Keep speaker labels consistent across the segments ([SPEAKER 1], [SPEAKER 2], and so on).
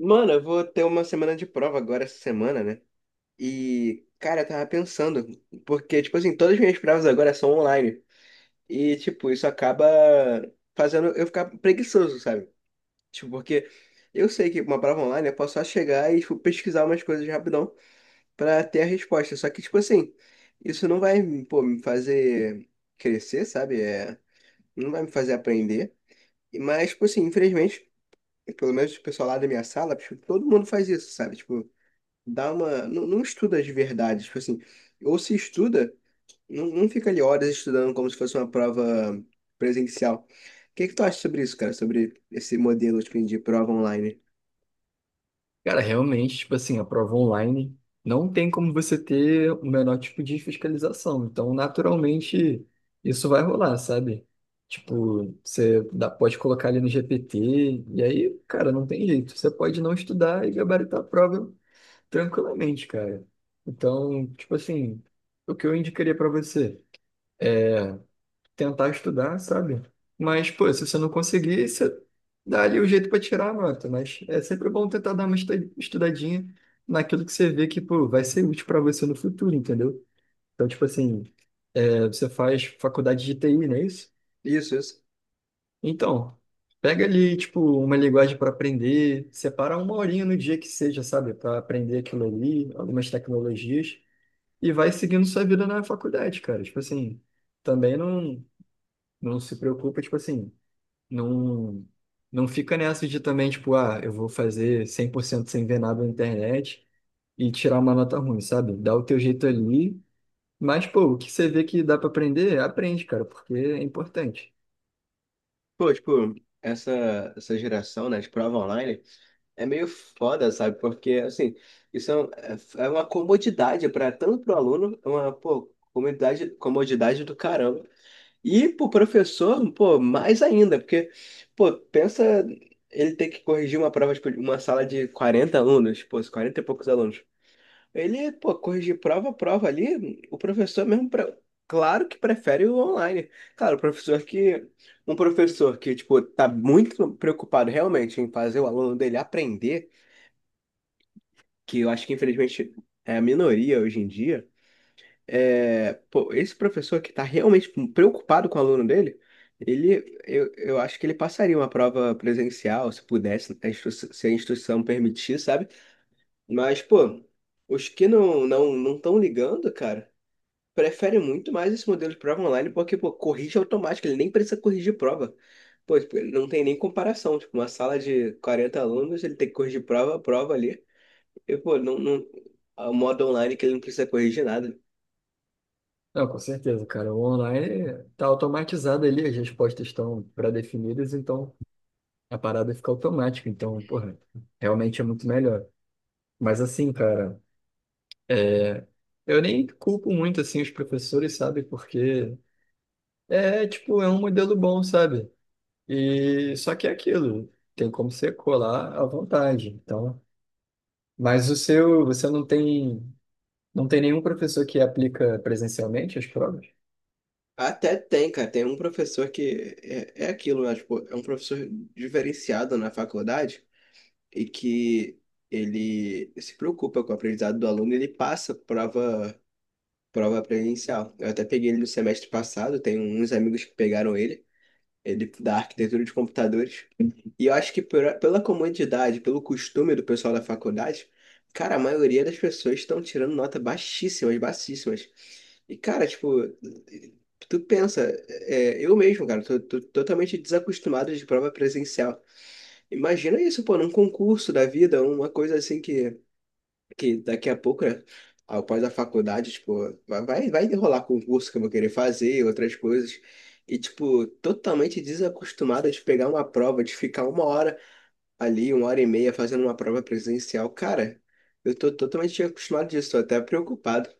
[SPEAKER 1] Mano, eu vou ter uma semana de prova agora essa semana, né? E, cara, eu tava pensando, porque, tipo assim, todas as minhas provas agora são online. E, tipo, isso acaba fazendo eu ficar preguiçoso, sabe? Tipo, porque eu sei que uma prova online eu posso só chegar e, tipo, pesquisar umas coisas rapidão pra ter a resposta. Só que, tipo assim, isso não vai, pô, me fazer crescer, sabe? É, não vai me fazer aprender. Mas, tipo assim, infelizmente, pelo menos o pessoal lá da minha sala, tipo, todo mundo faz isso, sabe? Tipo, dá uma. Não, não estuda de verdade, tipo assim. Ou se estuda, não, não fica ali horas estudando como se fosse uma prova presencial. O que que tu acha sobre isso, cara? Sobre esse modelo, tipo, de prova online?
[SPEAKER 2] Cara, realmente, tipo assim, a prova online não tem como você ter o menor tipo de fiscalização. Então, naturalmente, isso vai rolar, sabe? Tipo, pode colocar ali no GPT, e aí, cara, não tem jeito. Você pode não estudar e gabaritar a prova tranquilamente, cara. Então, tipo assim, o que eu indicaria pra você? Tentar estudar, sabe? Mas, pô, se você não conseguir, você dá ali o jeito para tirar a nota. Mas é sempre bom tentar dar uma estudadinha naquilo que você vê que, pô, vai ser útil para você no futuro, entendeu? Então, tipo assim, você faz faculdade de TI, não é isso?
[SPEAKER 1] Isso, isso.
[SPEAKER 2] Então, pega ali, tipo, uma linguagem para aprender, separa uma horinha no dia que seja, sabe? Para aprender aquilo ali, algumas tecnologias, e vai seguindo sua vida na faculdade, cara. Tipo assim, também não, não se preocupa, tipo assim. Não, não fica nessa de também, tipo, ah, eu vou fazer 100% sem ver nada na internet e tirar uma nota ruim, sabe? Dá o teu jeito ali, mas, pô, o que você vê que dá pra aprender, aprende, cara, porque é importante.
[SPEAKER 1] Pô, tipo, essa geração, né, de prova online. É meio foda, sabe? Porque, assim, isso é, é uma comodidade para tanto pro aluno, é uma, pô, comodidade, comodidade do caramba. E pro professor, pô, mais ainda, porque, pô, pensa ele ter que corrigir uma prova, tipo, de uma sala de 40 alunos, pô, 40 e poucos alunos. Ele, pô, corrigir prova a prova ali, o professor mesmo, claro que prefere o online. Claro, o professor que, um professor que, tipo, tá muito preocupado realmente em fazer o aluno dele aprender, que eu acho que infelizmente é a minoria hoje em dia, é, pô, esse professor que está realmente preocupado com o aluno dele, eu acho que ele passaria uma prova presencial, se pudesse, se a instituição permitir, sabe? Mas, pô, os que não estão ligando, cara, preferem muito mais esse modelo de prova online porque, pô, corrige automático, ele nem precisa corrigir prova. Pô, tipo, ele não tem nem comparação, tipo, uma sala de 40 alunos, ele tem que corrigir prova, prova ali, e, pô, não, não, o modo online que ele não precisa corrigir nada.
[SPEAKER 2] Não, com certeza, cara. O online tá automatizado ali, as respostas estão pré-definidas, então a parada fica automática. Então, porra, realmente é muito melhor. Mas assim, cara, é... eu nem culpo muito, assim, os professores, sabe? Porque é, tipo, é um modelo bom, sabe? E só que é aquilo, tem como você colar à vontade. Então, mas o seu, você não tem, não tem nenhum professor que aplica presencialmente as provas?
[SPEAKER 1] Até tem, cara. Tem um professor que é aquilo, né? Tipo, é um professor diferenciado na faculdade e que ele se preocupa com o aprendizado do aluno e ele passa prova, prova presencial. Eu até peguei ele no semestre passado, tem uns amigos que pegaram ele, da arquitetura de computadores. E eu acho que pela comodidade, pelo costume do pessoal da faculdade, cara, a maioria das pessoas estão tirando nota baixíssimas, baixíssimas. E, cara, tipo, tu pensa, é, eu mesmo, cara, tô totalmente desacostumado de prova presencial. Imagina isso, pô, num concurso da vida, uma coisa assim que daqui a pouco, né, após a faculdade, tipo, vai rolar concurso que eu vou querer fazer, outras coisas. E, tipo, totalmente desacostumada de pegar uma prova, de ficar uma hora ali, uma hora e meia fazendo uma prova presencial. Cara, eu tô totalmente acostumado disso, tô até preocupado.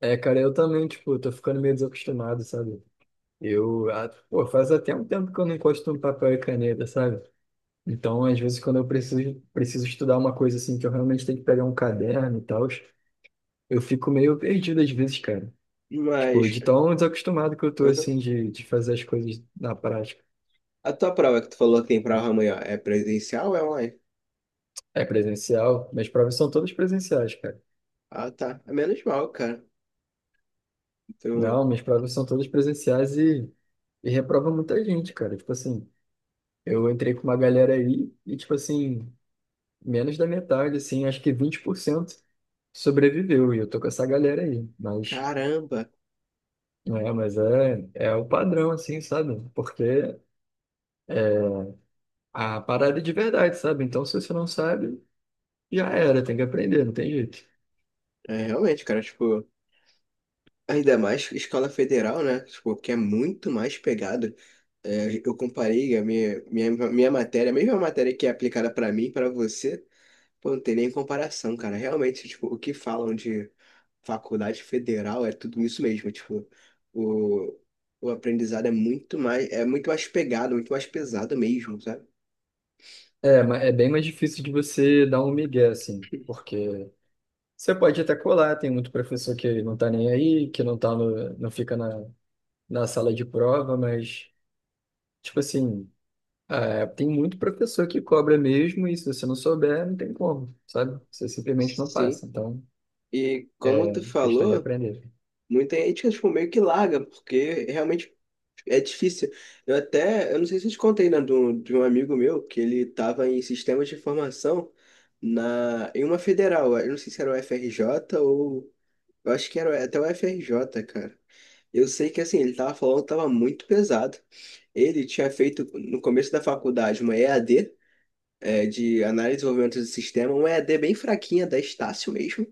[SPEAKER 2] É, cara, eu também, tipo, tô ficando meio desacostumado, sabe? Eu, ah, pô, faz até um tempo que eu não encosto um papel e caneta, sabe? Então, às vezes, quando eu preciso estudar uma coisa assim, que eu realmente tenho que pegar um caderno e tal, eu fico meio perdido às vezes, cara. Tipo,
[SPEAKER 1] Mas,
[SPEAKER 2] de tão desacostumado que eu tô, assim,
[SPEAKER 1] uhum.
[SPEAKER 2] de fazer as coisas na prática.
[SPEAKER 1] A tua prova que tu falou que tem prova amanhã é presencial ou é online?
[SPEAKER 2] É presencial. Minhas provas são todas presenciais, cara.
[SPEAKER 1] Ah, tá. É menos mal, cara. Então,
[SPEAKER 2] Não, minhas provas são todas presenciais e reprova muita gente, cara. Tipo assim, eu entrei com uma galera aí e, tipo assim, menos da metade, assim, acho que 20% sobreviveu. E eu tô com essa galera aí. Mas,
[SPEAKER 1] caramba.
[SPEAKER 2] não é, mas é, é o padrão, assim, sabe? Porque a parada é de verdade, sabe? Então, se você não sabe, já era, tem que aprender, não tem jeito.
[SPEAKER 1] É, realmente, cara, tipo. Ainda mais escola federal, né? Tipo, que é muito mais pegado. É, eu comparei a minha matéria, a mesma matéria que é aplicada para mim, para você, pô, não tem nem comparação, cara. Realmente, tipo, o que falam de faculdade federal é tudo isso mesmo. Tipo, o, o aprendizado é muito mais pegado, muito mais pesado mesmo, sabe?
[SPEAKER 2] É, é bem mais difícil de você dar um migué, assim, porque você pode até colar, tem muito professor que não tá nem aí, que não fica na sala de prova, mas, tipo assim, é, tem muito professor que cobra mesmo, e se você não souber, não tem como, sabe? Você simplesmente não
[SPEAKER 1] Sim.
[SPEAKER 2] passa, então,
[SPEAKER 1] E como tu
[SPEAKER 2] questão de
[SPEAKER 1] falou,
[SPEAKER 2] aprender.
[SPEAKER 1] muita gente, tipo, meio que larga, porque realmente é difícil. Eu não sei se eu te contei, né, de um amigo meu que ele estava em sistemas de informação em uma federal. Eu não sei se era o FRJ ou. Eu acho que era até o FRJ, cara. Eu sei que assim, ele tava falando que tava muito pesado. Ele tinha feito no começo da faculdade uma EAD de análise e desenvolvimento de sistema, uma EAD bem fraquinha da Estácio mesmo.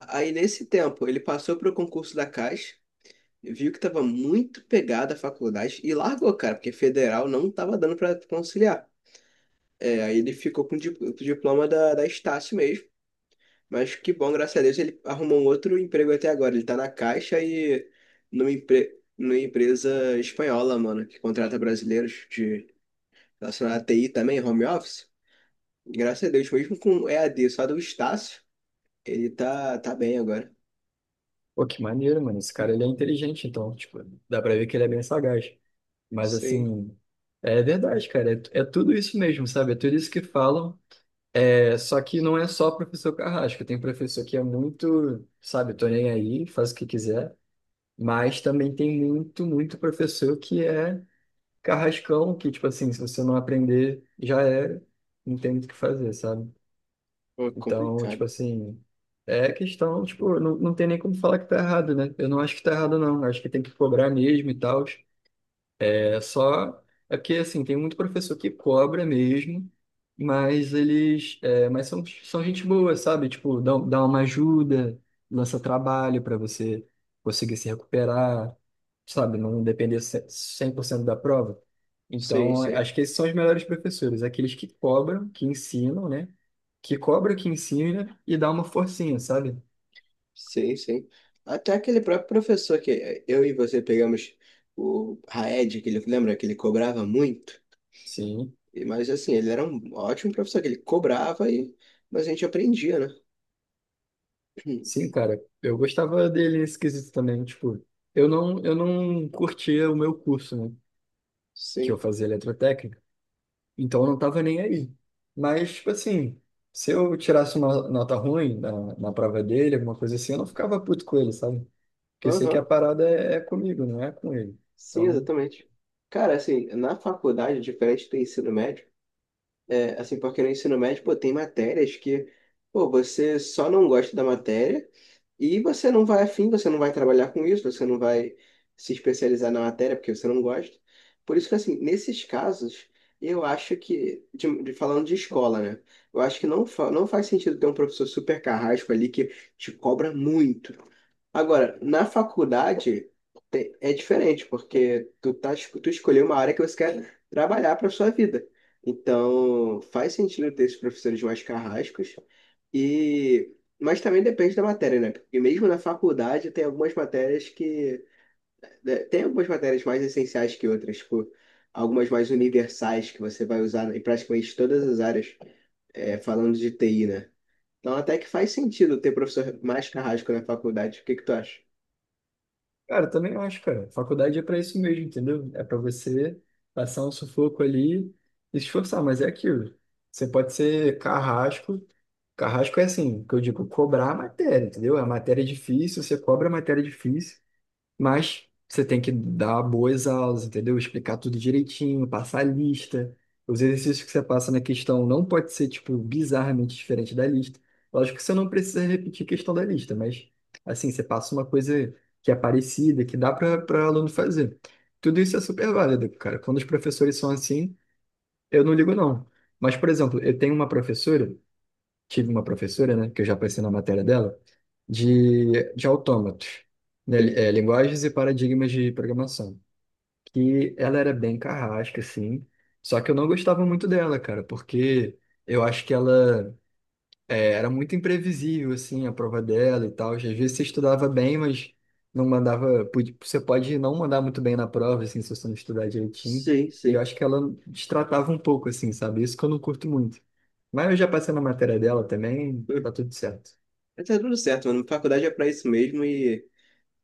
[SPEAKER 1] Aí nesse tempo ele passou para o concurso da Caixa, viu que tava muito pegada a faculdade e largou, cara, porque federal não tava dando pra conciliar. É, aí ele ficou com o o diploma da Estácio mesmo. Mas que bom, graças a Deus, ele arrumou um outro emprego até agora. Ele tá na Caixa e numa empresa espanhola, mano, que contrata brasileiros de relacionado à TI também, home office. E graças a Deus, mesmo com EAD só do Estácio, ele tá bem agora.
[SPEAKER 2] Pô, que maneiro, mano, esse cara, ele é inteligente, então, tipo, dá pra ver que ele é bem sagaz. Mas,
[SPEAKER 1] Sei,
[SPEAKER 2] assim, é verdade, cara, é, é tudo isso mesmo, sabe? É tudo isso que falam. É, só que não é só professor carrasco, tem professor que é muito, sabe, tô nem aí, faz o que quiser, mas também tem muito professor que é carrascão, que, tipo assim, se você não aprender, já era, não tem muito o que fazer, sabe?
[SPEAKER 1] pô,
[SPEAKER 2] Então, tipo
[SPEAKER 1] complicado.
[SPEAKER 2] assim, é questão, tipo, não, não tem nem como falar que tá errado, né? Eu não acho que tá errado, não, acho que tem que cobrar mesmo e tal, é só. É porque, assim, tem muito professor que cobra mesmo, mas eles. É, mas são, são gente boa, sabe? Tipo, dá uma ajuda, lança trabalho para você conseguir se recuperar, sabe? Não depender 100% da prova.
[SPEAKER 1] Sei,
[SPEAKER 2] Então,
[SPEAKER 1] sei.
[SPEAKER 2] acho que esses são os melhores professores, aqueles que cobram, que ensinam, né? Que cobra, que ensina e dá uma forcinha, sabe?
[SPEAKER 1] Sim, sim. Até aquele próprio professor que eu e você pegamos o Raed, que ele lembra que ele cobrava muito.
[SPEAKER 2] Sim.
[SPEAKER 1] Mas assim, ele era um ótimo professor, que ele cobrava e mas a gente aprendia, né?
[SPEAKER 2] Sim, cara, eu gostava dele esquisito também, tipo, eu não curtia o meu curso, né, que eu
[SPEAKER 1] Sim.
[SPEAKER 2] fazia eletrotécnica, então eu não tava nem aí. Mas, tipo assim, se eu tirasse uma nota ruim na prova dele, alguma coisa assim, eu não ficava puto com ele, sabe? Porque eu sei que a
[SPEAKER 1] Aham.
[SPEAKER 2] parada é, é comigo, não é com ele.
[SPEAKER 1] Sim,
[SPEAKER 2] Então,
[SPEAKER 1] exatamente. Cara, assim, na faculdade, diferente do ensino médio, é, assim, porque no ensino médio, pô, tem matérias que, pô, você só não gosta da matéria e você não vai afim, você não vai trabalhar com isso, você não vai se especializar na matéria porque você não gosta. Por isso que, assim, nesses casos, eu acho que, falando de escola, né? Eu acho que não faz sentido ter um professor super carrasco ali que te cobra muito. Agora, na faculdade é diferente, porque tu escolheu uma área que você quer trabalhar para sua vida. Então, faz sentido ter esses professores mais carrascos. E, mas também depende da matéria, né? Porque mesmo na faculdade tem algumas matérias, né? Tem algumas matérias mais essenciais que outras, tipo, algumas mais universais que você vai usar em praticamente todas as áreas, é, falando de TI, né? Então, até que faz sentido ter professor mais carrasco na faculdade. O que que tu acha?
[SPEAKER 2] cara, também eu acho, cara, faculdade é pra isso mesmo, entendeu? É pra você passar um sufoco ali e se esforçar, mas é aquilo. Você pode ser carrasco. Carrasco é assim, que eu digo cobrar a matéria, entendeu? A matéria é difícil, você cobra a matéria é difícil, mas você tem que dar boas aulas, entendeu? Explicar tudo direitinho, passar a lista. Os exercícios que você passa na questão não pode ser, tipo, bizarramente diferente da lista. Lógico que você não precisa repetir a questão da lista, mas, assim, você passa uma coisa que é parecida, que dá para o aluno fazer. Tudo isso é super válido, cara. Quando os professores são assim, eu não ligo, não. Mas, por exemplo, eu tenho uma professora tive uma professora, né, que eu já passei na matéria dela, de autômatos, né, linguagens e paradigmas de programação, que ela era bem carrasca, assim, só que eu não gostava muito dela, cara, porque eu acho que ela era muito imprevisível, assim, a prova dela e tal. Às vezes você estudava bem, mas não mandava. Pode- Você pode não mandar muito bem na prova, assim, se você não estudar direitinho.
[SPEAKER 1] Sim,
[SPEAKER 2] E eu
[SPEAKER 1] sim.
[SPEAKER 2] acho que ela destratava um pouco, assim, sabe? Isso que eu não curto muito. Mas eu já passei na matéria dela também, tá tudo certo.
[SPEAKER 1] Mas tá tudo certo, mano. Faculdade é pra isso mesmo e,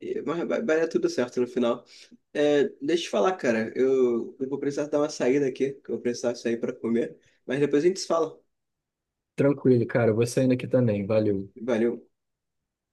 [SPEAKER 1] e- mas vai dar tudo certo no final. É, deixa eu te falar, cara. Eu vou precisar dar uma saída aqui, que eu vou precisar sair pra comer. Mas depois a gente se fala.
[SPEAKER 2] Tranquilo, cara. Eu vou saindo aqui também. Valeu.
[SPEAKER 1] Valeu.